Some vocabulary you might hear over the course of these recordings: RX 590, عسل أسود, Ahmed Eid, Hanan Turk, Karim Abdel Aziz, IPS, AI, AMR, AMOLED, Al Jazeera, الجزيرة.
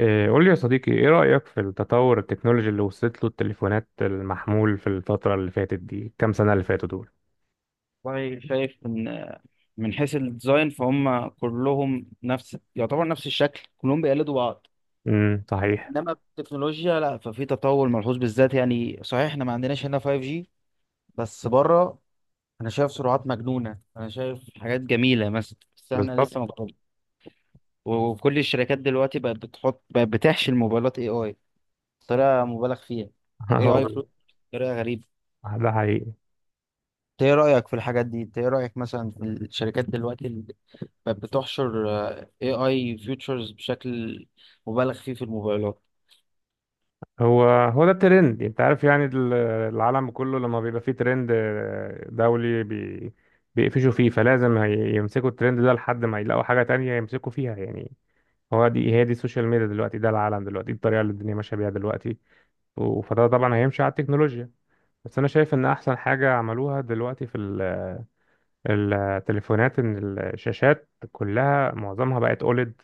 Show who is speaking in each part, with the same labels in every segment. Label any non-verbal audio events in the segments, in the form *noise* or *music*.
Speaker 1: إيه، قول لي يا صديقي، ايه رأيك في التطور التكنولوجي اللي وصلت له التليفونات المحمول في الفترة اللي فاتت دي؟ كام سنة اللي فاتوا دول؟
Speaker 2: والله شايف ان من حيث الديزاين فهم كلهم نفس، يعتبر نفس الشكل، كلهم بيقلدوا بعض.
Speaker 1: صحيح.
Speaker 2: انما التكنولوجيا لا، ففي تطور ملحوظ بالذات. يعني صحيح احنا ما عندناش هنا 5G، بس بره انا شايف سرعات مجنونة، انا شايف حاجات جميلة مثلا، بس احنا
Speaker 1: بالظبط.
Speaker 2: لسه ما جربنا. وكل الشركات دلوقتي بقت بتحشي الموبايلات اي اي بطريقة مبالغ فيها.
Speaker 1: *laughs*
Speaker 2: اي اي
Speaker 1: اهو.
Speaker 2: بطريقة غريبة.
Speaker 1: ده حقيقي.
Speaker 2: انت ايه رأيك في الحاجات دي؟ انت ايه رأيك مثلا في الشركات دلوقتي بقت بتحشر AI features بشكل مبالغ فيه في الموبايلات؟
Speaker 1: هو هو ده الترند، انت عارف يعني، العالم كله لما بيبقى فيه ترند دولي، بيقفشوا فيه، فلازم يمسكوا الترند ده لحد ما يلاقوا حاجة تانية يمسكوا فيها، يعني. هو دي هي دي السوشيال ميديا دلوقتي، ده العالم دلوقتي، دي الطريقة اللي الدنيا ماشية بيها دلوقتي، فده طبعا هيمشي على التكنولوجيا. بس انا شايف ان احسن حاجه عملوها دلوقتي في التليفونات، ان الشاشات كلها، معظمها بقت اوليد.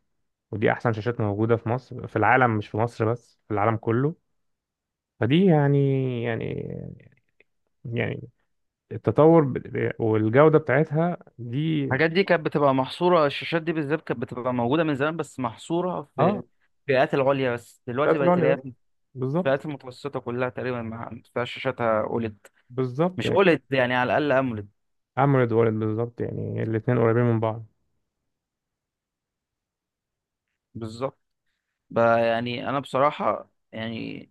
Speaker 1: ودي احسن شاشات موجوده في مصر، في العالم، مش في مصر بس، في العالم كله. فدي يعني، يعني يعني التطور والجوده بتاعتها دي.
Speaker 2: الحاجات دي كانت بتبقى محصورة، الشاشات دي بالذات كانت بتبقى موجودة من زمان بس محصورة في
Speaker 1: اه،
Speaker 2: الفئات العليا بس. دلوقتي
Speaker 1: بتاعت
Speaker 2: بقت
Speaker 1: الأولد
Speaker 2: تلاقيها
Speaker 1: بس.
Speaker 2: في الفئات
Speaker 1: بالظبط،
Speaker 2: المتوسطة كلها تقريبا، ما فيهاش شاشاتها أولد.
Speaker 1: بالظبط
Speaker 2: مش
Speaker 1: يعني،
Speaker 2: أولد يعني، على الأقل أمولد.
Speaker 1: اموليد اوليد، بالظبط يعني الاثنين قريبين من بعض.
Speaker 2: بالظبط. بقى يعني أنا بصراحة يعني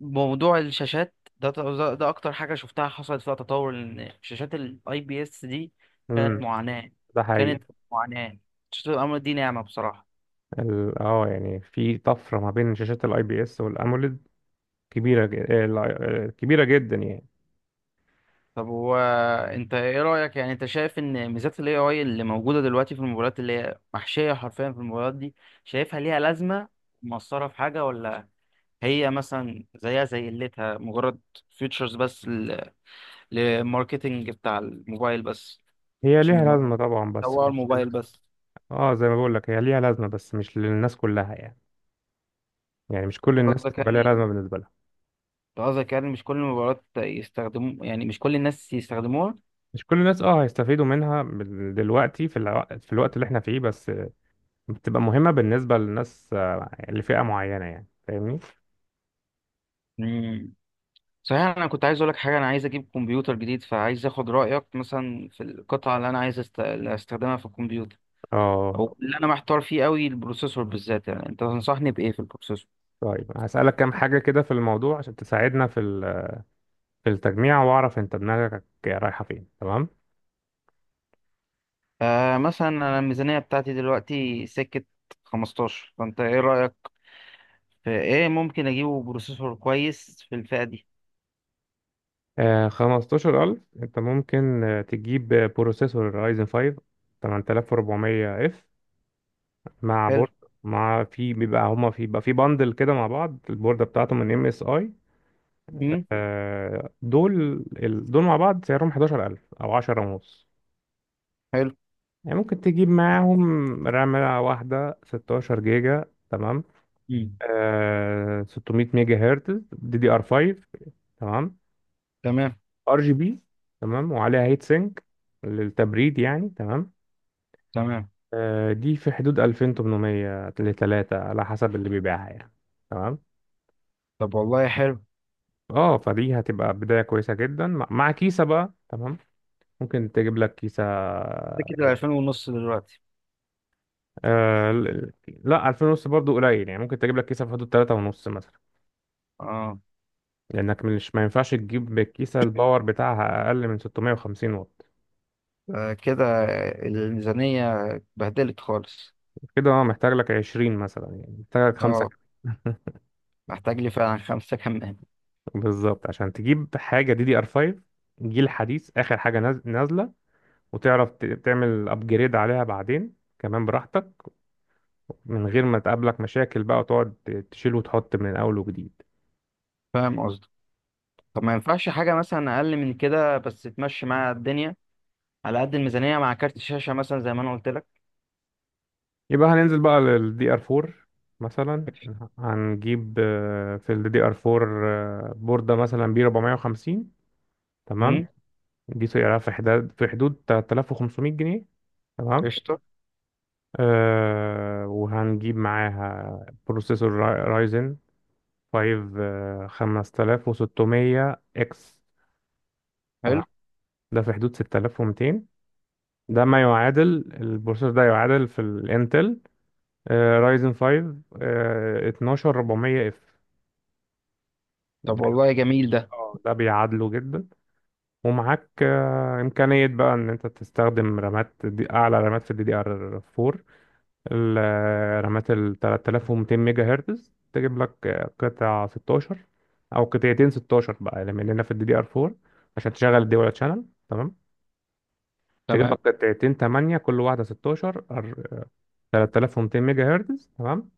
Speaker 2: موضوع الشاشات ده اكتر حاجه شفتها حصلت فيها تطور. ان شاشات الاي بي اس دي كانت
Speaker 1: امم
Speaker 2: معاناه
Speaker 1: ده حقيقي.
Speaker 2: كانت معاناه، شاشات الامر دي نعمه بصراحه.
Speaker 1: اه يعني في طفره ما بين شاشات الاي بي اس والاموليد. كبيرة جدا يعني.
Speaker 2: طب هو انت ايه رايك؟ يعني انت شايف ان ميزات الاي اي اللي موجوده دلوقتي في الموبايلات، اللي هي محشيه حرفيا في الموبايلات دي، شايفها ليها لازمه، مؤثره في حاجه، ولا هي مثلا زيها زي قلتها مجرد فيتشرز بس للماركتنج بتاع الموبايل بس،
Speaker 1: هي
Speaker 2: عشان
Speaker 1: ليها
Speaker 2: يمر-
Speaker 1: لازمة طبعا، بس
Speaker 2: يسوقوا
Speaker 1: مش
Speaker 2: الموبايل بس؟
Speaker 1: اه، زي ما بقول لك، هي ليها لازمة بس مش للناس كلها، يعني يعني مش كل الناس
Speaker 2: قصدك
Speaker 1: هتبقى ليها
Speaker 2: يعني
Speaker 1: لازمة بالنسبة لها.
Speaker 2: أنت قصدك يعني مش كل المباريات يستخدموا، يعني مش كل الناس يستخدموها؟
Speaker 1: مش كل الناس اه هيستفيدوا منها دلوقتي، في الوقت اللي احنا فيه بس بتبقى مهمة بالنسبة للناس لفئة معينة، يعني، فاهمني؟
Speaker 2: مم. صحيح انا كنت عايز اقول لك حاجه، انا عايز اجيب كمبيوتر جديد فعايز اخد رايك مثلا في القطعه اللي انا اللي استخدمها في الكمبيوتر.
Speaker 1: اه،
Speaker 2: او اللي انا محتار فيه قوي البروسيسور بالذات، يعني انت تنصحني بايه في البروسيسور؟
Speaker 1: طيب، هسألك كام حاجة كده في الموضوع عشان تساعدنا في في التجميع، واعرف انت دماغك رايحة فين. تمام.
Speaker 2: آه، مثلا انا الميزانيه بتاعتي دلوقتي سكه 15، فانت ايه رايك؟ في ايه ممكن اجيبه بروسيسور كويس في الفئه دي؟
Speaker 1: خمستاشر ألف. أنت ممكن تجيب بروسيسور أيزن 5 8400 اف مع
Speaker 2: حلو.
Speaker 1: بورد. مع في بيبقى هما في بيبقى في باندل كده مع بعض، البوردة بتاعته من ام اس اي.
Speaker 2: امم.
Speaker 1: دول، دول مع بعض سعرهم 11000 أو 10 ونص.
Speaker 2: حلو.
Speaker 1: يعني ممكن تجيب معاهم رامة واحدة 16 جيجا. تمام.
Speaker 2: امم.
Speaker 1: 600 ميجا هرتز، دي دي ار 5. تمام.
Speaker 2: تمام.
Speaker 1: ار جي بي. تمام. وعليها هيت سينك للتبريد يعني. تمام.
Speaker 2: تمام.
Speaker 1: دي في حدود 2800 ل 3، على حسب اللي بيبيعها يعني. تمام.
Speaker 2: طب والله حلو.
Speaker 1: اه، فدي هتبقى بداية كويسة جدا، مع كيسة بقى. تمام. ممكن تجيب لك كيسة،
Speaker 2: سكة
Speaker 1: يعني.
Speaker 2: الألفين ونص دلوقتي.
Speaker 1: آه ل- لا، 2000 ونص برضو قليل. يعني ممكن تجيب لك كيسة في حدود 3 ونص مثلا.
Speaker 2: اه.
Speaker 1: لأنك مش ما ينفعش تجيب الكيسة الباور بتاعها أقل من 650 واط.
Speaker 2: آه، كده الميزانية اتبهدلت خالص.
Speaker 1: كده، اه، محتاج لك 20 مثلا، يعني محتاج لك خمسة.
Speaker 2: اه،
Speaker 1: *laughs*
Speaker 2: محتاج لي فعلا خمسة كمان.
Speaker 1: بالظبط، عشان تجيب حاجة دي دي ار 5، جيل حديث، آخر حاجة نازلة، وتعرف تعمل ابجريد عليها بعدين كمان براحتك، من غير ما تقابلك مشاكل بقى، وتقعد تشيل وتحط من اول وجديد.
Speaker 2: فاهم قصدي. طب ما ينفعش حاجة مثلا أقل من كده بس تمشي مع الدنيا، على قد الميزانية، مع كارت الشاشة مثلا زي ما أنا قلت لك؟
Speaker 1: يبقى هننزل بقى للدي ار 4 مثلا. هنجيب في الدي ار 4 بوردة مثلا بي 450. تمام.
Speaker 2: امم.
Speaker 1: دي سعرها في حدود 3500 جنيه. تمام.
Speaker 2: قشطة.
Speaker 1: أه، وهنجيب معاها بروسيسور رايزن 5 5600 اكس. تمام.
Speaker 2: حلو.
Speaker 1: ده في حدود 6200. ده ما يعادل، البروسيسور ده يعادل في الانتل رايزن 5 12400 اف.
Speaker 2: طب
Speaker 1: ده
Speaker 2: والله جميل ده.
Speaker 1: ده بيعادله جدا. ومعاك امكانيه بقى ان انت تستخدم رامات، دي اعلى رامات في الدي دي ار 4. الرامات ال 3200 ميجا هرتز، تجيب لك قطع 16، او قطعتين 16 بقى، لان في الدي دي ار 4 عشان تشغل الدول شانل. تمام. تجيب
Speaker 2: تمام.
Speaker 1: لك قطعتين 8، كل واحده 16، 3200 ميجا هرتز. تمام.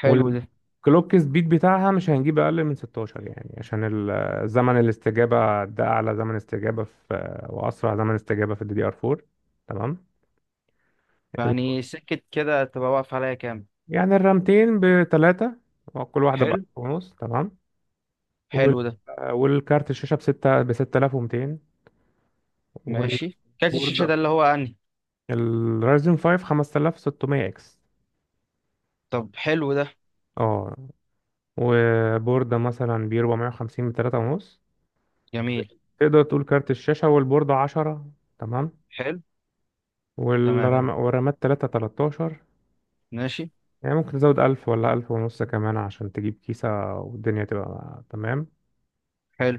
Speaker 2: حلو ده.
Speaker 1: والكلوك سبيد بتاعها، مش هنجيب اقل من 16 يعني، عشان زمن الاستجابه، ده اعلى زمن استجابه واسرع زمن استجابه في الدي دي ار 4. تمام. ال-
Speaker 2: يعني سكة كده تبقى واقف عليا كام؟
Speaker 1: يعني الرامتين بثلاثه، كل واحده ب 1000
Speaker 2: حلو.
Speaker 1: ونص. تمام. وال
Speaker 2: حلو ده.
Speaker 1: والكارت الشاشه بستة ب 6200، والبورده،
Speaker 2: ماشي، كارت الشاشة ده اللي هو أنهي؟
Speaker 1: الرايزن 5 5600 اكس.
Speaker 2: طب حلو ده.
Speaker 1: اه، وبورده مثلا ب 450، ب 3 ونص.
Speaker 2: جميل.
Speaker 1: تقدر تقول كارت الشاشه والبورده 10. تمام.
Speaker 2: حلو. تمام.
Speaker 1: اه، ورمات تلاتة تلتاشر.
Speaker 2: ماشي.
Speaker 1: يعني ممكن تزود ألف ولا ألف ونص كمان عشان تجيب كيسة، والدنيا تبقى تمام.
Speaker 2: حلو.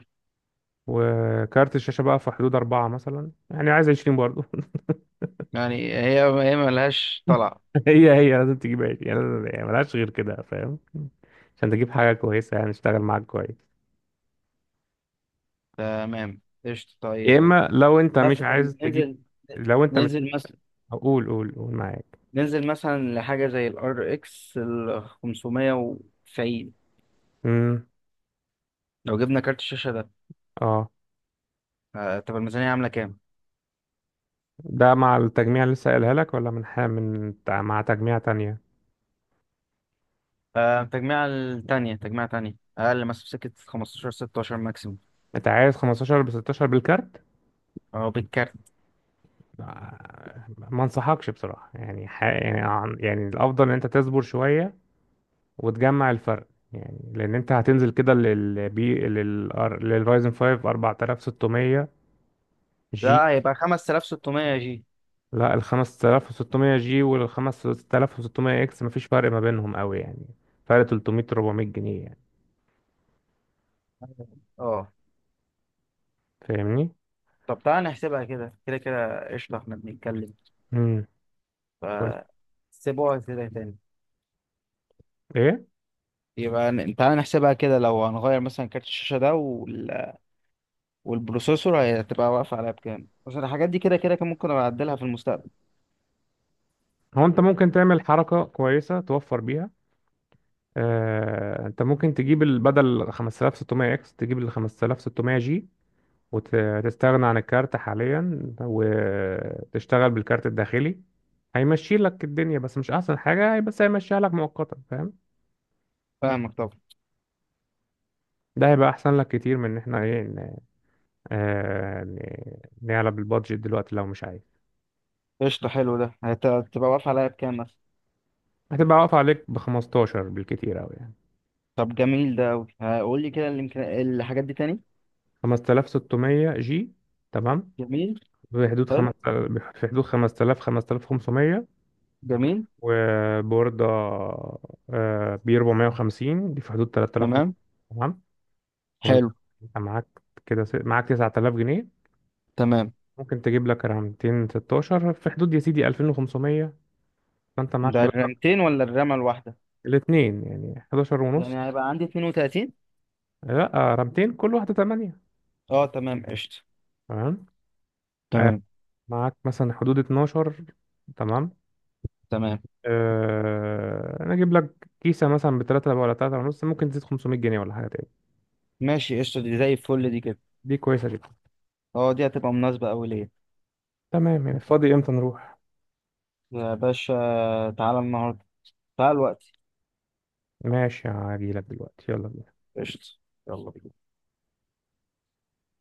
Speaker 1: وكارت الشاشة بقى في حدود أربعة مثلا، يعني عايز عشرين برضه.
Speaker 2: يعني هي هي ملهاش طلع.
Speaker 1: *laughs* هي هي لازم تجيب عشرين يعني، يعني ملهاش غير كده، فاهم؟ عشان تجيب حاجة كويسة يعني، تشتغل معاك كويس.
Speaker 2: تمام، قشطة.
Speaker 1: يا
Speaker 2: طيب
Speaker 1: إما، لو أنت مش
Speaker 2: مثلا
Speaker 1: عايز تجيب،
Speaker 2: ننزل
Speaker 1: لو أنت مش
Speaker 2: مثلا
Speaker 1: قول، قول، قول معاك.
Speaker 2: ننزل مثلا لحاجة زي ال RX ال 590.
Speaker 1: امم
Speaker 2: لو جبنا كارت الشاشة ده،
Speaker 1: اه
Speaker 2: آه، طب الميزانية عاملة كام؟
Speaker 1: ده مع التجميع اللي لسه قايلها لك، ولا من حاجة من مع تجميع تانية؟
Speaker 2: آه، تجميع التانية، تجميع تانية أقل مثلا في سكة 15، 16 ماكسيموم.
Speaker 1: أنت عايز خمستاشر بستاشر بالكارت؟
Speaker 2: أه، بالكارت.
Speaker 1: ما انصحكش بصراحة، يعني يعني يعني الافضل ان انت تصبر شوية وتجمع الفرق، يعني لان انت هتنزل كده للبي لل للرايزن 5 4600 جي.
Speaker 2: ده هيبقى 5600 يا جي؟
Speaker 1: لا، ال 5600 جي وال 5600 اكس مفيش فرق ما بينهم قوي، يعني فرق 300 400 جنيه يعني،
Speaker 2: أه.
Speaker 1: فاهمني؟
Speaker 2: طب تعالى نحسبها كده كده كده، قشطة. إحنا بنتكلم
Speaker 1: امم
Speaker 2: ف سيبوها كده تاني.
Speaker 1: ايه
Speaker 2: يبقى تعالى نحسبها كده. لو هنغير مثلا كارت الشاشة ده وال... والبروسيسور هتبقى واقفة عليها بكام؟ عشان الحاجات دي كده كده كان ممكن أبقى أعدلها في المستقبل.
Speaker 1: هو انت ممكن تعمل حركة كويسة توفر بيها. انت ممكن تجيب بدل 5600 اكس تجيب ال 5600 جي، وتستغنى عن الكارت حاليا وتشتغل بالكارت الداخلي. هيمشي لك الدنيا، بس مش احسن حاجة، بس هيمشيها لك مؤقتا، فاهم؟
Speaker 2: فاهمك طبعا.
Speaker 1: ده هيبقى احسن لك كتير من ان احنا نعلى بالبادجت دلوقتي لو مش عايز.
Speaker 2: قشطة. حلو ده. هتبقى واقفة عليها بكام مثلا؟
Speaker 1: هتبقى واقف عليك ب 15 بالكتير قوي يعني.
Speaker 2: طب جميل ده أوي. قول لي كده الحاجات دي تاني.
Speaker 1: 5600 جي. تمام.
Speaker 2: جميل.
Speaker 1: في حدود
Speaker 2: حلو.
Speaker 1: خمس في حدود 5000 5500.
Speaker 2: جميل.
Speaker 1: وبوردة بي 450، دي في حدود 3000.
Speaker 2: تمام.
Speaker 1: تمام. يعني انت
Speaker 2: حلو.
Speaker 1: انت معاك كده، معاك 9000 جنيه.
Speaker 2: تمام.
Speaker 1: ممكن تجيب لك رامتين 16 في حدود يا سيدي 2500. فانت معاك
Speaker 2: ده
Speaker 1: 11.
Speaker 2: الرامتين ولا الرامة الواحدة؟
Speaker 1: الاثنين يعني 11 ونص.
Speaker 2: يعني هيبقى عندي 32؟
Speaker 1: لا، رامتين كل واحده 8.
Speaker 2: اه تمام قشطة.
Speaker 1: تمام. آه،
Speaker 2: تمام.
Speaker 1: معاك مثلا حدود 12. تمام.
Speaker 2: تمام.
Speaker 1: انا اجيب لك كيسه مثلا ب 3 ولا 3 ونص، ممكن تزيد 500 جنيه ولا حاجه تاني.
Speaker 2: ماشي. قشطة، دي زي الفل دي كده.
Speaker 1: دي كويسه جدا.
Speaker 2: اه، دي هتبقى مناسبة أوي ليا.
Speaker 1: تمام. يعني فاضي امتى نروح؟
Speaker 2: يا باشا، تعالى النهاردة، تعال الوقت.
Speaker 1: ماشي، هاجي لك دلوقتي. يلا بينا.
Speaker 2: قشطة. يلا بينا.